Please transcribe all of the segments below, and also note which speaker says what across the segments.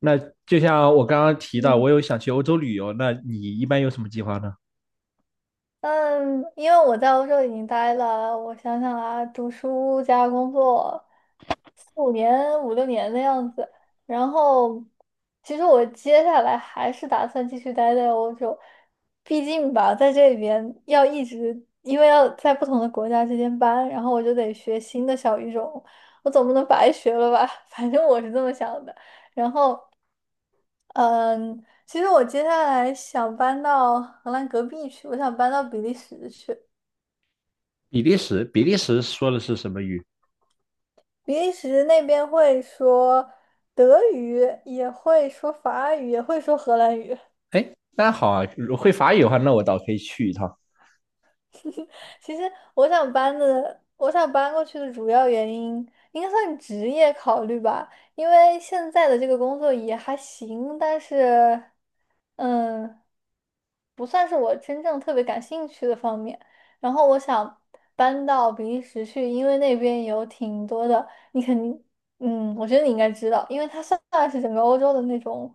Speaker 1: 那就像我刚刚提到，
Speaker 2: 嗯
Speaker 1: 我有想去欧洲旅游，那你一般有什么计划呢？
Speaker 2: 嗯，因为我在欧洲已经待了，我想想啊，读书加工作四五年、五六年的样子。然后，其实我接下来还是打算继续待在欧洲，毕竟吧，在这里边要一直，因为要在不同的国家之间搬，然后我就得学新的小语种，我总不能白学了吧？反正我是这么想的。然后。嗯，其实我接下来想搬到荷兰隔壁去，我想搬到比利时去。
Speaker 1: 比利时，比利时说的是什么语？
Speaker 2: 比利时那边会说德语，也会说法语，也会说荷兰语。
Speaker 1: 哎，那好啊，会法语的话，那我倒可以去一趟。
Speaker 2: 其实我想搬的，我想搬过去的主要原因应该算职业考虑吧，因为现在的这个工作也还行，但是，嗯，不算是我真正特别感兴趣的方面。然后我想搬到比利时去，因为那边有挺多的，你肯定，我觉得你应该知道，因为它算是整个欧洲的那种，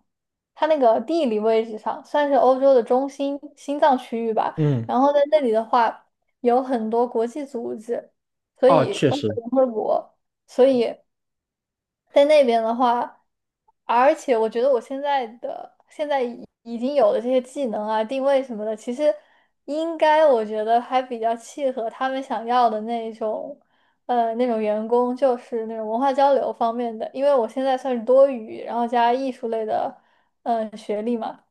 Speaker 2: 它那个地理位置上算是欧洲的中心心脏区域吧。
Speaker 1: 嗯。
Speaker 2: 然后在那里的话。有很多国际组织，所
Speaker 1: 哦，
Speaker 2: 以
Speaker 1: 确
Speaker 2: 包括
Speaker 1: 实。
Speaker 2: 联合国，所以在那边的话，而且我觉得我现在的已经有的这些技能啊、定位什么的，其实应该我觉得还比较契合他们想要的那种，那种员工，就是那种文化交流方面的，因为我现在算是多语，然后加艺术类的，学历嘛。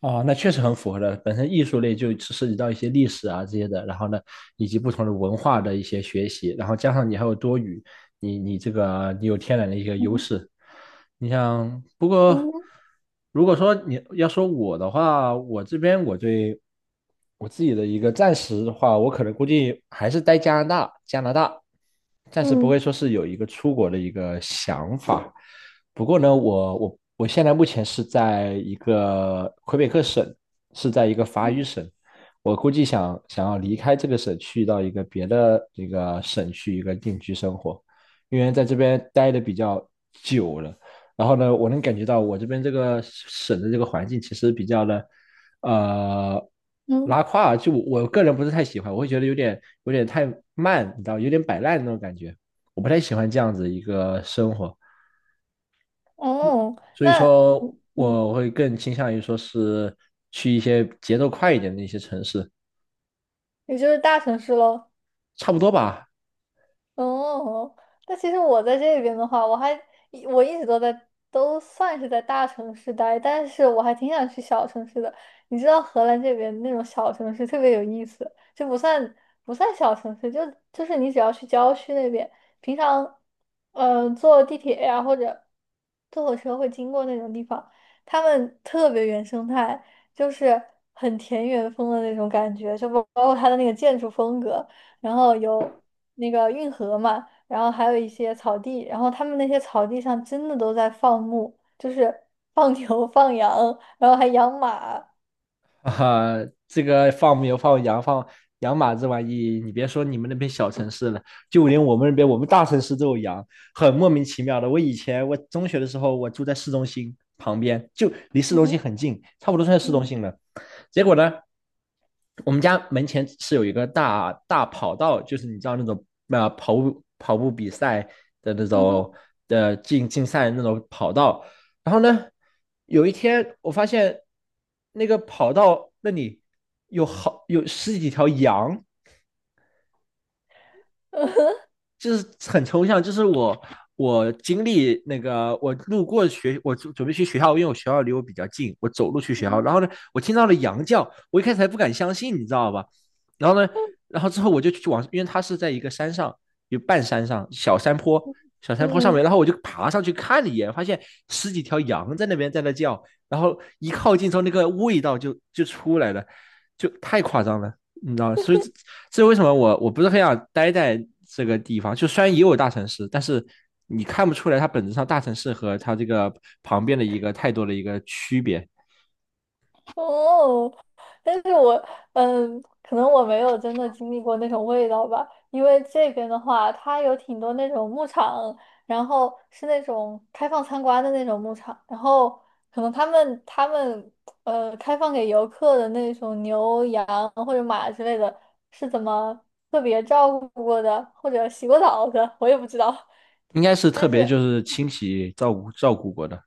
Speaker 1: 哦，那确实很符合的。本身艺术类就涉及到一些历史啊这些的，然后呢，以及不同的文化的一些学习，然后加上你还有多语，你你这个你有天然的一个优
Speaker 2: 嗯
Speaker 1: 势。你像，不过
Speaker 2: 嗯
Speaker 1: 如果说你要说我的话，我这边我对我自己的一个暂时的话，我可能估计还是待加拿大，加拿大，暂时不会
Speaker 2: 嗯
Speaker 1: 说是有一个出国的一个想法。不过呢，我现在目前是在一个魁北克省，是在一个法语
Speaker 2: 嗯，
Speaker 1: 省。我估计想要离开这个省，去到一个别的这个省去一个定居生活，因为在这边待的比较久了。然后呢，我能感觉到我这边这个省的这个环境其实比较的，呃，
Speaker 2: 嗯，
Speaker 1: 拉胯。就我个人不是太喜欢，我会觉得有点太慢，你知道，有点摆烂的那种感觉。我不太喜欢这样子一个生活。
Speaker 2: 哦，
Speaker 1: 所以
Speaker 2: 那
Speaker 1: 说
Speaker 2: 嗯嗯。
Speaker 1: 我会更倾向于说是去一些节奏快一点的一些城市，
Speaker 2: 也就是大城市喽。
Speaker 1: 差不多吧。
Speaker 2: 哦，但其实我在这边的话，我一直都在算是在大城市待，但是我还挺想去小城市的。你知道荷兰这边那种小城市特别有意思，就不算小城市，就是你只要去郊区那边，平常坐地铁呀、或者坐火车会经过那种地方，他们特别原生态，就是很田园风的那种感觉，就包括它的那个建筑风格。然后有那个运河嘛，然后还有一些草地，然后他们那些草地上真的都在放牧，就是 放牛、放羊，然后还养马，
Speaker 1: 啊，哈，这个放牛、放羊、养马这玩意，你别说你们那边小城市了，就连我们那边我们大城市都有羊，很莫名其妙的。我以前我中学的时候，我住在市中心旁边，就离市
Speaker 2: 嗯
Speaker 1: 中心
Speaker 2: 哼，
Speaker 1: 很近，差不多算市中
Speaker 2: 嗯
Speaker 1: 心了。结果呢，我们家门前是有一个大大跑道，就是你知道那种啊、跑步比赛的那
Speaker 2: 嗯哼，
Speaker 1: 种的竞赛的那种跑道，然后呢，有一天我发现那个跑道那里有十几条羊，就是很抽象，就是我经历那个我路过学，我准备去学校，因为我学校离我比较近，我走路去
Speaker 2: 嗯
Speaker 1: 学校，
Speaker 2: 哼，
Speaker 1: 然后呢，我听到了羊叫，我一开始还不敢相信，你知道吧？然后呢，然后之后我就去往，因为它是在一个山上，有半山上小山坡，小山坡
Speaker 2: 嗯
Speaker 1: 上面，
Speaker 2: 嗯
Speaker 1: 然后我就爬上去看了一眼，发现十几条羊在那边在那叫，然后一靠近之后，那个味道就出来了，就太夸张了。你知道，所以这为什么我不是很想待在这个地方？就虽然也有大城市，但是你看不出来它本质上大城市和它这个旁边的一个太多的一个区别，
Speaker 2: 哦，但是我可能我没有真的经历过那种味道吧，因为这边的话，它有挺多那种牧场，然后是那种开放参观的那种牧场，然后可能他们开放给游客的那种牛羊或者马之类的，是怎么特别照顾过的，或者洗过澡的，我也不知道。
Speaker 1: 应该是 特
Speaker 2: 但
Speaker 1: 别
Speaker 2: 是。
Speaker 1: 就是清洗照顾过的。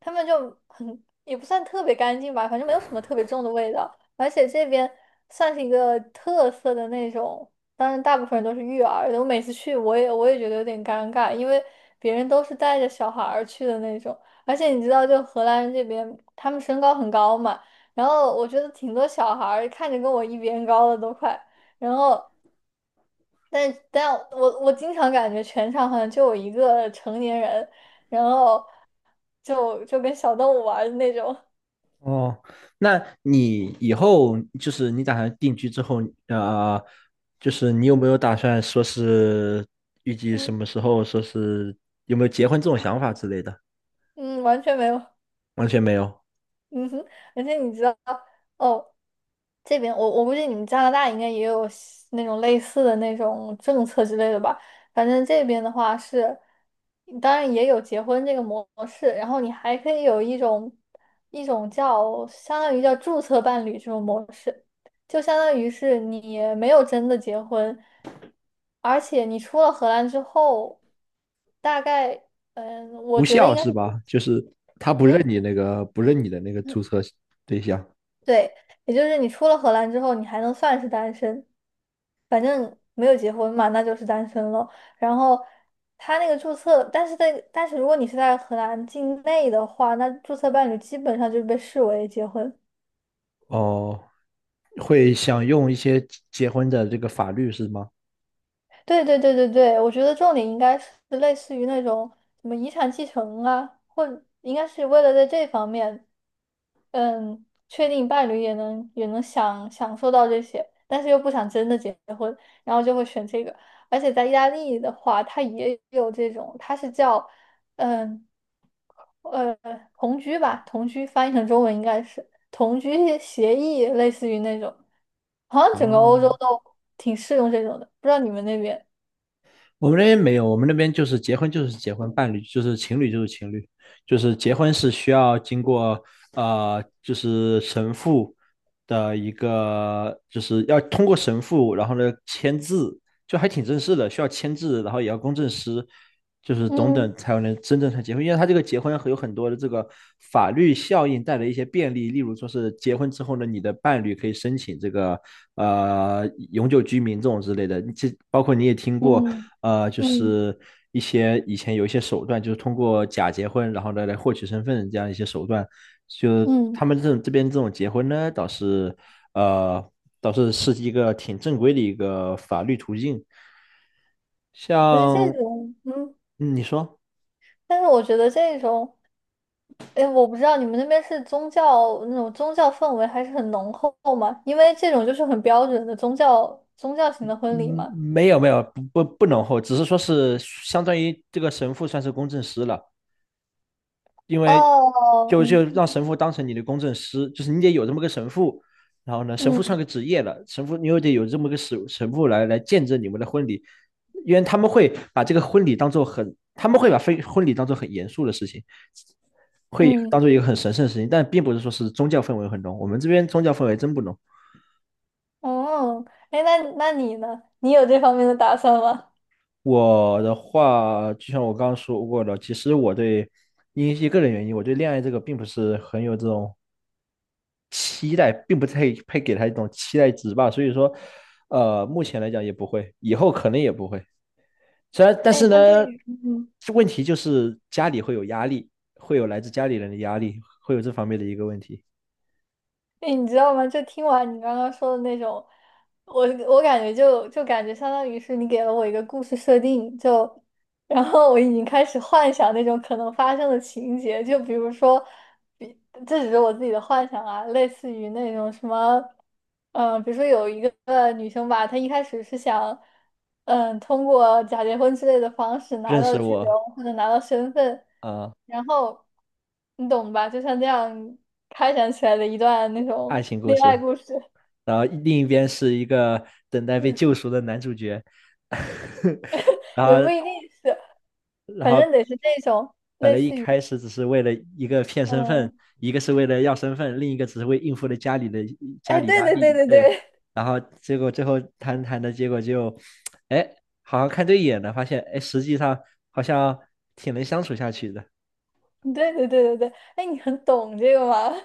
Speaker 2: 他们就很也不算特别干净吧，反正没有什么特别重的味道。而且这边算是一个特色的那种，当然大部分人都是育儿的。我每次去，我也觉得有点尴尬，因为别人都是带着小孩儿去的那种。而且你知道，就荷兰人这边，他们身高很高嘛，然后我觉得挺多小孩儿看着跟我一边高的都快，然后。但我经常感觉全场好像就我一个成年人，然后就跟小动物玩儿的那种，
Speaker 1: 哦，那你以后就是你打算定居之后，呃，就是你有没有打算说是预 计什
Speaker 2: 嗯
Speaker 1: 么时候，说是有没有结婚这种想法之类的？
Speaker 2: 嗯，完全没有，
Speaker 1: 完全没有。
Speaker 2: 嗯哼，而且你知道，哦，这边我估计你们加拿大应该也有西那种类似的那种政策之类的吧？反正这边的话是，当然也有结婚这个模式，然后你还可以有一种叫相当于叫注册伴侣这种模式，就相当于是你没有真的结婚，而且你出了荷兰之后，大概我
Speaker 1: 无
Speaker 2: 觉得
Speaker 1: 效
Speaker 2: 应该
Speaker 1: 是
Speaker 2: 是
Speaker 1: 吧？就是他不认
Speaker 2: 嗯。
Speaker 1: 你那个不认你的那个注册对象。
Speaker 2: 对，也就是你出了荷兰之后，你还能算是单身，反正没有结婚嘛，那就是单身了。然后他那个注册，但是但是如果你是在荷兰境内的话，那注册伴侣基本上就是被视为结婚。
Speaker 1: 哦，会想用一些结婚的这个法律是吗？
Speaker 2: 对对对对对，我觉得重点应该是类似于那种什么遗产继承啊，或应该是为了在这方面，确定伴侣也能享受到这些，但是又不想真的结婚，然后就会选这个。而且在意大利的话，它也有这种，它是叫嗯呃同居吧，同居翻译成中文应该是。同居协议，类似于那种，好像整个欧
Speaker 1: 哦，
Speaker 2: 洲都挺适用这种的，不知道你们那边？
Speaker 1: 我们那边没有，我们那边就是结婚就是结婚，伴侣就是情侣就是情侣，就是结婚是需要经过就是神父的一个就是要通过神父，然后呢签字，就还挺正式的，需要签字，然后也要公证师，就是等
Speaker 2: 嗯
Speaker 1: 等才能真正才结婚。因为他这个结婚有很多的这个法律效应带来一些便利，例如说是结婚之后呢，你的伴侣可以申请这个永久居民这种之类的。这包括你也听过，
Speaker 2: 嗯
Speaker 1: 就
Speaker 2: 嗯
Speaker 1: 是一些以前有一些手段，就是通过假结婚，然后呢来获取身份这样一些手段。就
Speaker 2: 嗯，
Speaker 1: 他们这种这边这种结婚呢，倒是呃是一个挺正规的一个法律途径。
Speaker 2: 不是这
Speaker 1: 像
Speaker 2: 种，
Speaker 1: 嗯你说。
Speaker 2: 但是我觉得这种，哎，我不知道你们那边是宗教那种宗教氛围还是很浓厚嘛？因为这种就是很标准的宗教型的婚礼
Speaker 1: 嗯，
Speaker 2: 嘛。
Speaker 1: 没有没有不浓厚，只是说是相当于这个神父算是公证师了，因为
Speaker 2: 哦，
Speaker 1: 就
Speaker 2: 嗯
Speaker 1: 让神父当成你的公证师，就是你得有这么个神父。然后呢，神父算
Speaker 2: 嗯
Speaker 1: 个职业了，神父你又得有这么个神父来见证你们的婚礼，因为他们会把这个婚礼当做很，他们会把非婚礼当做很严肃的事情，会当
Speaker 2: 嗯，
Speaker 1: 做一个很神圣的事情，但并不是说是宗教氛围很浓。我们这边宗教氛围真不浓。
Speaker 2: 哦，哎，那你呢？你有这方面的打算吗？
Speaker 1: 我的话，就像我刚刚说过的，其实我对因为一个人原因，我对恋爱这个并不是很有这种期待，并不太配给他一种期待值吧。所以说，目前来讲也不会，以后可能也不会。虽然，但
Speaker 2: 哎，
Speaker 1: 是
Speaker 2: 那对
Speaker 1: 呢，
Speaker 2: 于，
Speaker 1: 问题就是家里会有压力，会有来自家里人的压力，会有这方面的一个问题。
Speaker 2: 哎，你知道吗？就听完你刚刚说的那种，我感觉就感觉相当于是你给了我一个故事设定，就然后我已经开始幻想那种可能发生的情节，就比如说，比这只是我自己的幻想啊，类似于那种什么，比如说有一个女生吧，她一开始是想，通过假结婚之类的方式拿
Speaker 1: 认
Speaker 2: 到
Speaker 1: 识
Speaker 2: 居
Speaker 1: 我
Speaker 2: 留或者拿到身份，
Speaker 1: 啊、
Speaker 2: 然后你懂吧？就像这样开展起来的一段那
Speaker 1: 爱
Speaker 2: 种
Speaker 1: 情故
Speaker 2: 恋爱
Speaker 1: 事。
Speaker 2: 故事，
Speaker 1: 然后另一边是一个等待被救 赎的男主角，然
Speaker 2: 也不
Speaker 1: 后
Speaker 2: 一定是，反正得是那种
Speaker 1: 本
Speaker 2: 类
Speaker 1: 来一
Speaker 2: 似于，
Speaker 1: 开始只是为了一个骗身份，
Speaker 2: 嗯，
Speaker 1: 一个是为了要身份，另一个只是为应付了家里的家
Speaker 2: 哎，
Speaker 1: 里
Speaker 2: 对
Speaker 1: 压
Speaker 2: 对对
Speaker 1: 力，
Speaker 2: 对
Speaker 1: 对，
Speaker 2: 对。
Speaker 1: 然后结果最后谈谈的结果就，哎，好像看对眼了，发现哎，实际上好像挺能相处下去的。
Speaker 2: 对对对对对，哎，你很懂这个吗？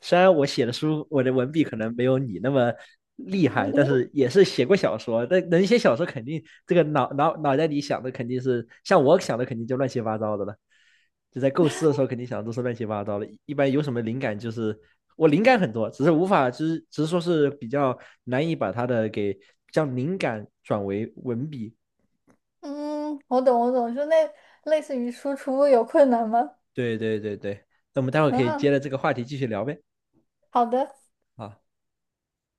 Speaker 1: 虽然我写的书，我的文笔可能没有你那么厉
Speaker 2: 嗯
Speaker 1: 害，但
Speaker 2: 哼
Speaker 1: 是也是写过小说。但能写小说，肯定这个脑袋里想的肯定是像我想的，肯定就乱七八糟的了。就在构思的时候，肯定想的都是乱七八糟的。一般有什么灵感，就是我灵感很多，只是无法，只是说是比较难以把它的给将灵感转为文笔。
Speaker 2: 嗯，我懂我懂，就那类似于输出有困难吗？
Speaker 1: 对对对对，那我们待会儿可以接
Speaker 2: 嗯，
Speaker 1: 着这个话题继续聊呗。
Speaker 2: 好的。
Speaker 1: 啊。